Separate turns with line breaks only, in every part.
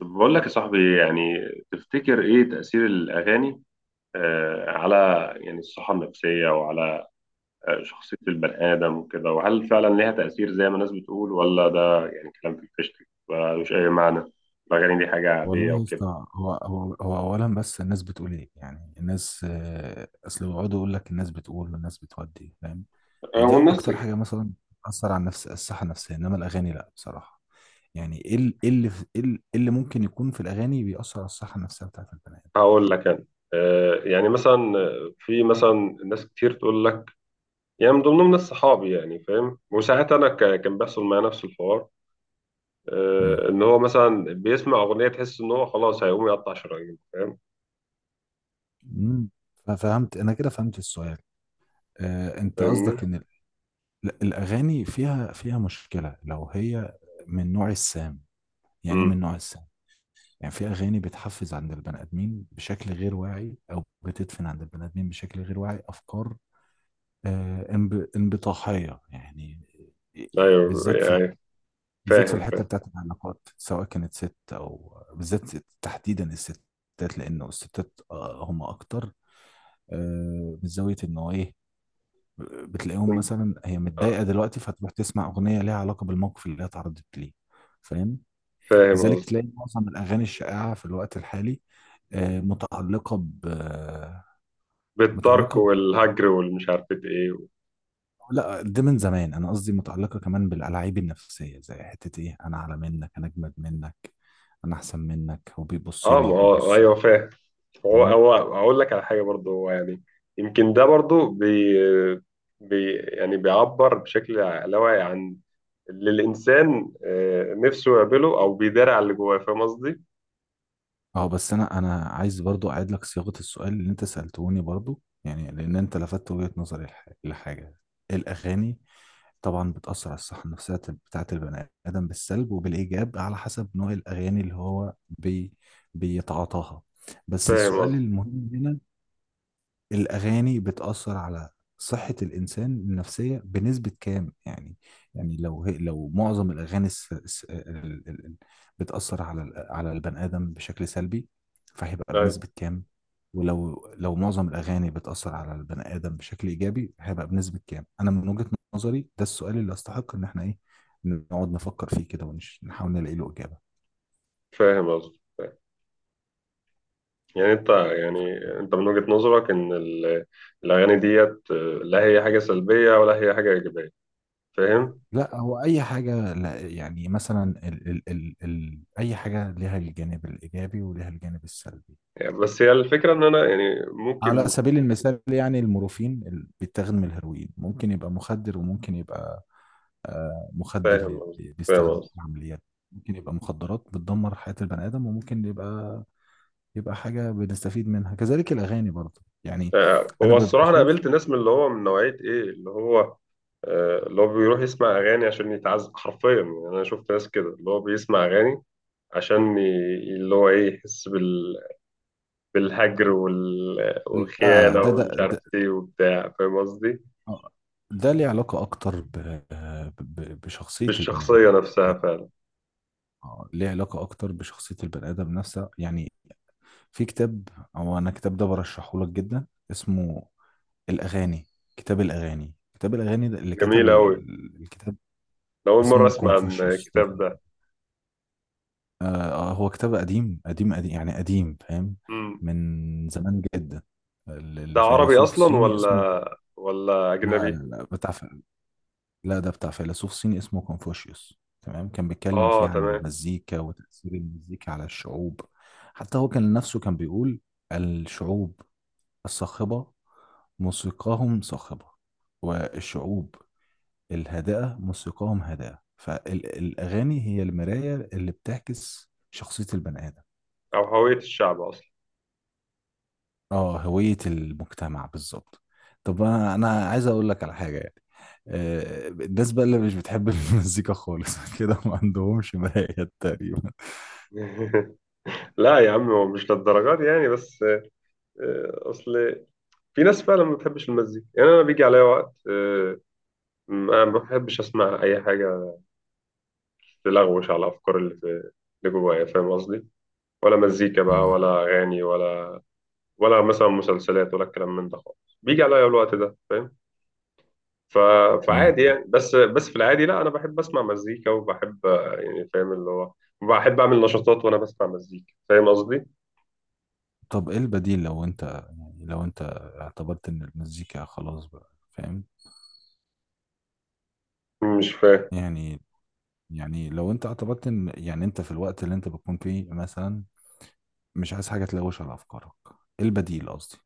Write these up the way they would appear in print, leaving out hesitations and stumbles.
طب بقول لك يا صاحبي تفتكر ايه تأثير الأغاني على الصحة النفسية وعلى شخصية البني آدم وكده، وهل فعلا ليها تأثير زي ما الناس بتقول، ولا ده يعني كلام في الفشت ملوش أي معنى؟ الأغاني دي حاجة عادية
والله يا
وكده.
اسطى، هو اولا بس الناس بتقول ايه؟ يعني الناس، اصل بيقعدوا يقول لك الناس بتقول والناس بتودي، فاهم؟ دي
والناس.
اكتر حاجه مثلا بتاثر على النفس، الصحه النفسيه، انما الاغاني لا بصراحه. يعني ايه ال- إيه اللي في- إيه ال- إيه اللي ممكن يكون في الاغاني بيأثر على الصحه النفسيه بتاعت البني ادم؟
هقول لك أنا. يعني مثلا، في مثلا ناس كتير تقول لك، يعني من ضمنهم ناس صحابي، يعني فاهم، وساعات أنا كان بيحصل معايا نفس الحوار.
امم.
ان هو مثلا بيسمع اغنيه تحس ان هو خلاص هيقوم يقطع شرايين، فاهم؟
أمم. ففهمت انا كده، فهمت السؤال. انت
فاهمني؟
قصدك ان الاغاني فيها مشكله لو هي من نوع السام. يعني إيه
امم
من نوع السام؟ يعني في اغاني بتحفز عند البني ادمين بشكل غير واعي، او بتدفن عند البني ادمين بشكل غير واعي افكار انبطاحيه يعني. آه، آه،
ايوه
بالذات في
يعني.
بالذات في
فاهم.
الحته بتاعت العلاقات، سواء كانت ست او بالذات تحديدا الستات، لانه الستات هم اكتر من زاويه انه ايه، بتلاقيهم
فاهم.
مثلا هي
آه،
متضايقه دلوقتي فتروح تسمع اغنيه ليها علاقه بالموقف اللي هي اتعرضت ليه، فاهم؟
فاهم
لذلك
قصدي.
تلاقي معظم الأغاني الشائعة في الوقت الحالي آه، متعلقة ب
بالترك
متعلقة ب...
والهجر والمش عارف ايه
لا، ده من زمان، أنا قصدي متعلقة كمان بالألاعيب النفسية، زي حتة إيه، أنا أعلى منك، أنا أجمد منك، أنا أحسن منك، هو بيبص
اه، ما
لي
هو
ببص له.
ايوه فاهم. هو اقول لك على حاجه برضو، هو يعني يمكن ده برضو بي يعني بيعبر بشكل لا واعي عن اللي الانسان نفسه يقابله او بيدار على اللي جواه، فاهم قصدي؟
بس أنا عايز برضو أعيد لك صياغة السؤال اللي أنت سألتوني برضو، يعني لأن أنت لفتت وجهة نظري لحاجة. الأغاني طبعا بتأثر على الصحة النفسية بتاعة البني آدم بالسلب وبالإيجاب، على حسب نوع الأغاني اللي هو بيتعاطاها. بس
فاهم
السؤال
قصدي.
المهم هنا، الأغاني بتأثر على صحة الإنسان النفسية بنسبة كام يعني؟ يعني لو معظم الأغاني الس... الس... ال... ال... ال... بتأثر على على البني آدم بشكل سلبي، فهيبقى
ايوه
بنسبة كام؟ ولو معظم الأغاني بتأثر على البني آدم بشكل إيجابي، هيبقى بنسبة كام؟ أنا من وجهة نظري ده السؤال اللي أستحق إن إحنا إيه نقعد نفكر فيه كده ونحاول نلاقي له إجابة.
فاهم قصدي. يعني انت، يعني انت من وجهة نظرك، الاغاني ديت لا هي حاجة سلبية ولا هي حاجة ايجابية، فاهم؟
لا، هو اي حاجه، لا يعني مثلا ال ال ال ال اي حاجه لها الجانب الايجابي ولها الجانب السلبي.
يعني بس هي الفكرة ان انا يعني
على
ممكن.
سبيل المثال، يعني المورفين اللي بيتاخد من الهيروين ممكن يبقى مخدر، وممكن يبقى
فاهم
مخدر
قصدي. فاهم
بيستخدم
قصدي.
في عمليات، ممكن يبقى مخدرات بتدمر حياه البني ادم، وممكن يبقى حاجه بنستفيد منها، كذلك الاغاني برضه يعني. انا
هو
ببقى
الصراحة انا
شايف.
قابلت ناس من اللي هو من نوعية ايه، اللي هو اللي هو بيروح يسمع اغاني عشان يتعذب حرفيا، يعني انا شفت ناس كده اللي هو بيسمع اغاني عشان ي... اللي هو ايه، يحس بالهجر
لا،
والخيانه ومش عارف ايه وبتاع، فاهم قصدي؟
آه، ده ليه علاقه اكتر بشخصيه البني
بالشخصيه
ادم،
نفسها
يعني
فعلا.
ليه علاقة أكتر بشخصية البني آدم نفسها يعني. في كتاب، أو أنا الكتاب ده برشحه لك جدا، اسمه الأغاني. كتاب الأغاني ده اللي كتب
جميل أوي.
الكتاب
ده أول مرة
اسمه
أسمع عن
كونفوشيوس ده.
الكتاب ده.
آه هو كتاب قديم قديم قديم يعني، قديم، فاهم؟
مم.
من زمان جدا، ال-
ده عربي
الفيلسوف
أصلا
الصيني
ولا
اسمه، لا لا
أجنبي؟
لا، بتاع، لا ده بتاع فيلسوف صيني اسمه كونفوشيوس، تمام؟ كان بيتكلم فيه
آه
عن
تمام.
المزيكا وتأثير المزيكا على الشعوب. حتى هو كان نفسه كان بيقول الشعوب الصاخبة موسيقاهم صاخبة، والشعوب الهادئة موسيقاهم هادئة، فالأغاني هي المراية اللي بتعكس شخصية البني آدم.
أو هوية الشعب أصلا.
اه، هوية المجتمع بالظبط. طب انا عايز اقول لك على حاجة يعني، الناس بقى اللي مش بتحب المزيكا خالص كده ما عندهمش مرايات تقريبا.
لا يا عم، هو مش للدرجات يعني، بس أصل في ناس فعلا ما بتحبش المزيكا، يعني أنا بيجي عليا وقت ما بحبش أسمع أي حاجة تلغوش على الأفكار اللي في اللي جوايا، فاهم قصدي؟ ولا مزيكا بقى
امم.
ولا أغاني، ولا ولا مثلا مسلسلات ولا الكلام من ده خالص، بيجي عليا الوقت ده، فاهم؟ ف...
امم.
فعادي يعني، بس في العادي لا، انا بحب اسمع مزيكا، وبحب يعني فاهم اللي هو بحب اعمل نشاطات وانا بسمع مزيكا، فاهم قصدي.
طب ايه البديل لو انت اعتبرت ان المزيكا خلاص بقى، فاهم؟
مش فاهم.
يعني يعني لو انت اعتبرت ان يعني انت في الوقت اللي انت بتكون فيه مثلا مش عايز حاجة تلوش على افكارك، ايه البديل؟ قصدي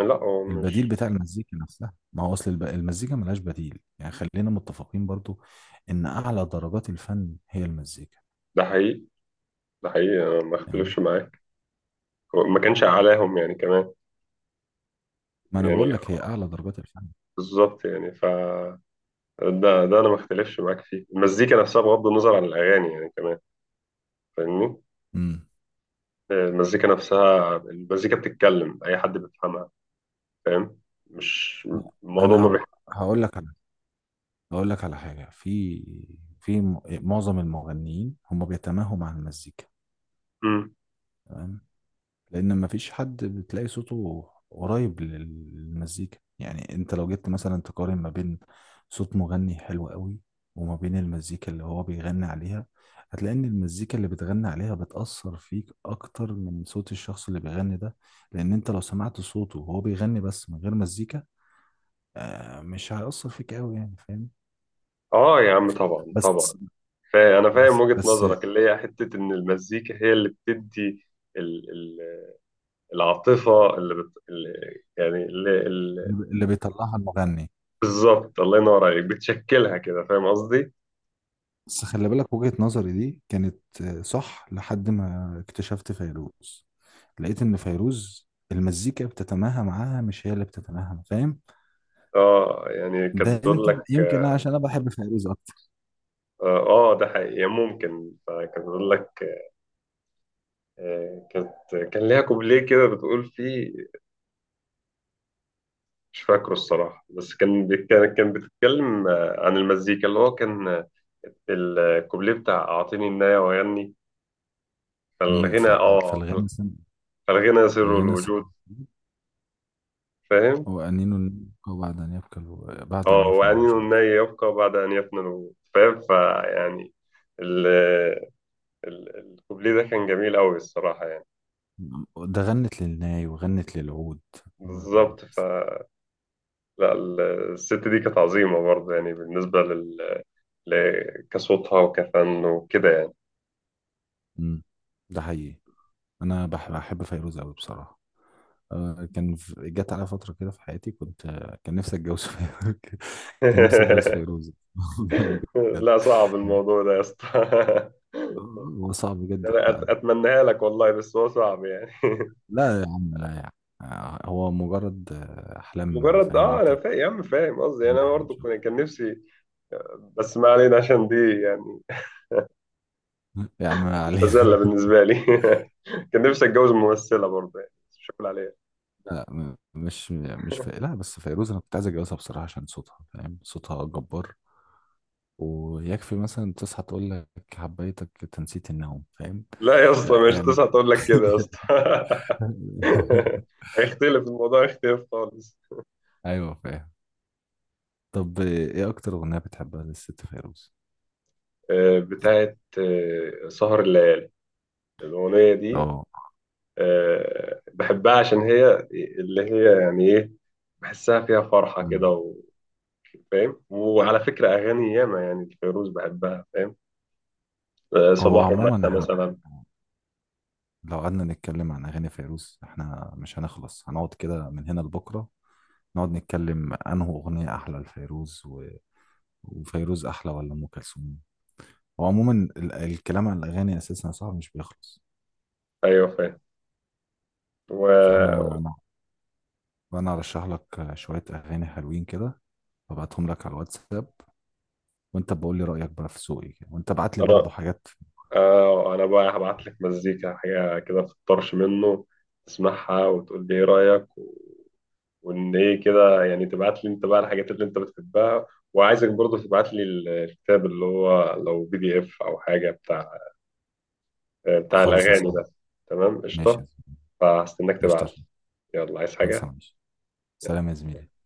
لا هو
البديل
مش.
بتاع المزيكا نفسها، ما هو اصل المزيكا ملهاش بديل يعني، خلينا متفقين برضو ان اعلى درجات الفن هي المزيكا.
ده حقيقي. ده حقيقي، انا ما
تمام،
اختلفش معاك. هو ما كانش اعلاهم يعني كمان.
ما انا
يعني
بقول لك هي اعلى درجات الفن.
بالظبط يعني، ف ده، ده انا ما اختلفش معاك فيه، المزيكا نفسها بغض النظر عن الاغاني يعني كمان. فاهمني؟
امم.
المزيكا نفسها، المزيكا بتتكلم اي حد بيفهمها، فاهم؟ مش الموضوع
انا
ما بيح...
هقول لك على هقول لك على حاجه، في معظم المغنيين هم بيتماهوا مع المزيكا،
مم.
تمام؟ لان مفيش حد بتلاقي صوته قريب للمزيكا، يعني انت لو جبت مثلا تقارن ما بين صوت مغني حلو قوي وما بين المزيكا اللي هو بيغني عليها، هتلاقي ان المزيكا اللي بتغني عليها بتأثر فيك اكتر من صوت الشخص اللي بيغني ده، لان انت لو سمعت صوته وهو بيغني بس من غير مزيكا مش هيأثر فيك قوي يعني، فاهم؟
اه يا عم، طبعا طبعا.
بس
أنا فاهم
بس
وجهة
بس
نظرك، اللي هي حتة إن المزيكا هي اللي بتدي ال- ال- العاطفة اللي يعني
اللي بيطلعها المغني.
بالظبط، الله ينور عليك، بتشكلها كده، فاهم قصدي؟
بس خلي بالك، وجهة نظري دي كانت صح لحد ما اكتشفت فيروز، لقيت ان فيروز المزيكا بتتماهى معاها مش هي اللي بتتماهى، فاهم؟
اه يعني كانت
ده
بتقول
يمكن
لك.
يمكن أنا عشان انا بحب فيروز اكتر.
اه ده حقيقي ممكن. فكانت بتقول لك كانت، كان ليها كوبليه كده بتقول فيه، مش فاكره الصراحة، بس كان بتتكلم عن المزيكا اللي هو كان الكوبليه بتاع أعطيني النايه وأغني.
أمم،
فالغنى
ف-
اه،
فالغنى سم،
فالغنى سر
فالغنى سم
الوجود، فاهم؟
وأنين النبقى بعد أن يبكى بعد أن
اه،
يفنى
وأنين
الوجود.
الناي يبقى بعد أن يفنى الوجود، فاهم؟ فيعني ال- الكوبليه ده كان جميل أوي الصراحة يعني.
ده غنت للناي وغنت للعود.
بالظبط، ف لا الست دي كانت عظيمة برضه، يعني كصوتها وكفن وكده يعني.
أمم، ده حقيقي، أنا بحب فيروز أوي بصراحة. جت على فترة كده في حياتي كنت آه، كان نفسي اتجوز فيروز. كان نفسي اتجوز فيروز والله، بجد.
لا، صعب الموضوع ده يا اسطى.
هو صعب جدا
انا
فعلا.
اتمناها لك والله، بس هو صعب يعني.
لا يا عم، لا يا عم، هو مجرد أحلام،
مجرد
فاهم
اه، انا
أنت؟
فاهم يا عم، فاهم قصدي، انا
إنها إن
برضه
شاء
كان نفسي، بس ما علينا، عشان دي يعني
الله. يا عم، ما علينا.
مزلة بالنسبة لي. كان نفسي اتجوز ممثلة برضه يعني، بس مش هقول عليها.
لا م- مش مش ف... لا بس فيروز، أنا كنت عايز أتجوزها بصراحة عشان صوتها، فاهم؟ صوتها جبار، ويكفي مثلا تصحى تقول لك حبيتك تنسيت النوم، فاهم
لا يا اسطى، مش تسعة
يعني؟
تقول لك كده يا اسطى. هيختلف الموضوع، هيختلف خالص.
ايوه فاهم. طب ايه اكتر اغنية بتحبها للست فيروز؟
بتاعت سهر الليالي، الأغنية دي
اه.
بحبها عشان هي اللي هي يعني ايه، بحسها فيها فرحة
مم.
كده فاهم. وعلى فكرة أغاني ياما يعني الفيروز بحبها، فاهم؟
هو
صباح
عموما
ومساء
احنا
مثلا.
لو قعدنا نتكلم عن اغاني فيروز احنا مش هنخلص، هنقعد كده من هنا لبكرة نقعد نتكلم انه اغنية احلى لفيروز و... وفيروز احلى ولا ام كلثوم. هو عموما الكلام عن الاغاني اساسا صعب مش بيخلص.
أيوه فاهم. و...
فاحنا انا أنا ارشح لك شوية اغاني حلوين كده، هبعتهم لك على الواتساب، وانت بقول لي رأيك بقى في ذوقي كده، وانت ابعت لي برضه حاجات.
آه انا بقى هبعت لك مزيكا، حاجه كده في الطرش منه، تسمعها وتقول لي ايه رايك، وان ايه كده يعني، تبعت لي انت بقى الحاجات اللي انت بتحبها، وعايزك برضه تبعت لي الكتاب اللي هو، لو PDF او حاجه بتاع بتاع
خالصة
الاغاني
صعب.
ده. تمام
ماشي
قشطه.
يا زميلي.
فهستناك تبعت
قشطة.
لي. يلا، عايز
خلص،
حاجه؟
ماشي.
يلا.
سلام يا زميلي.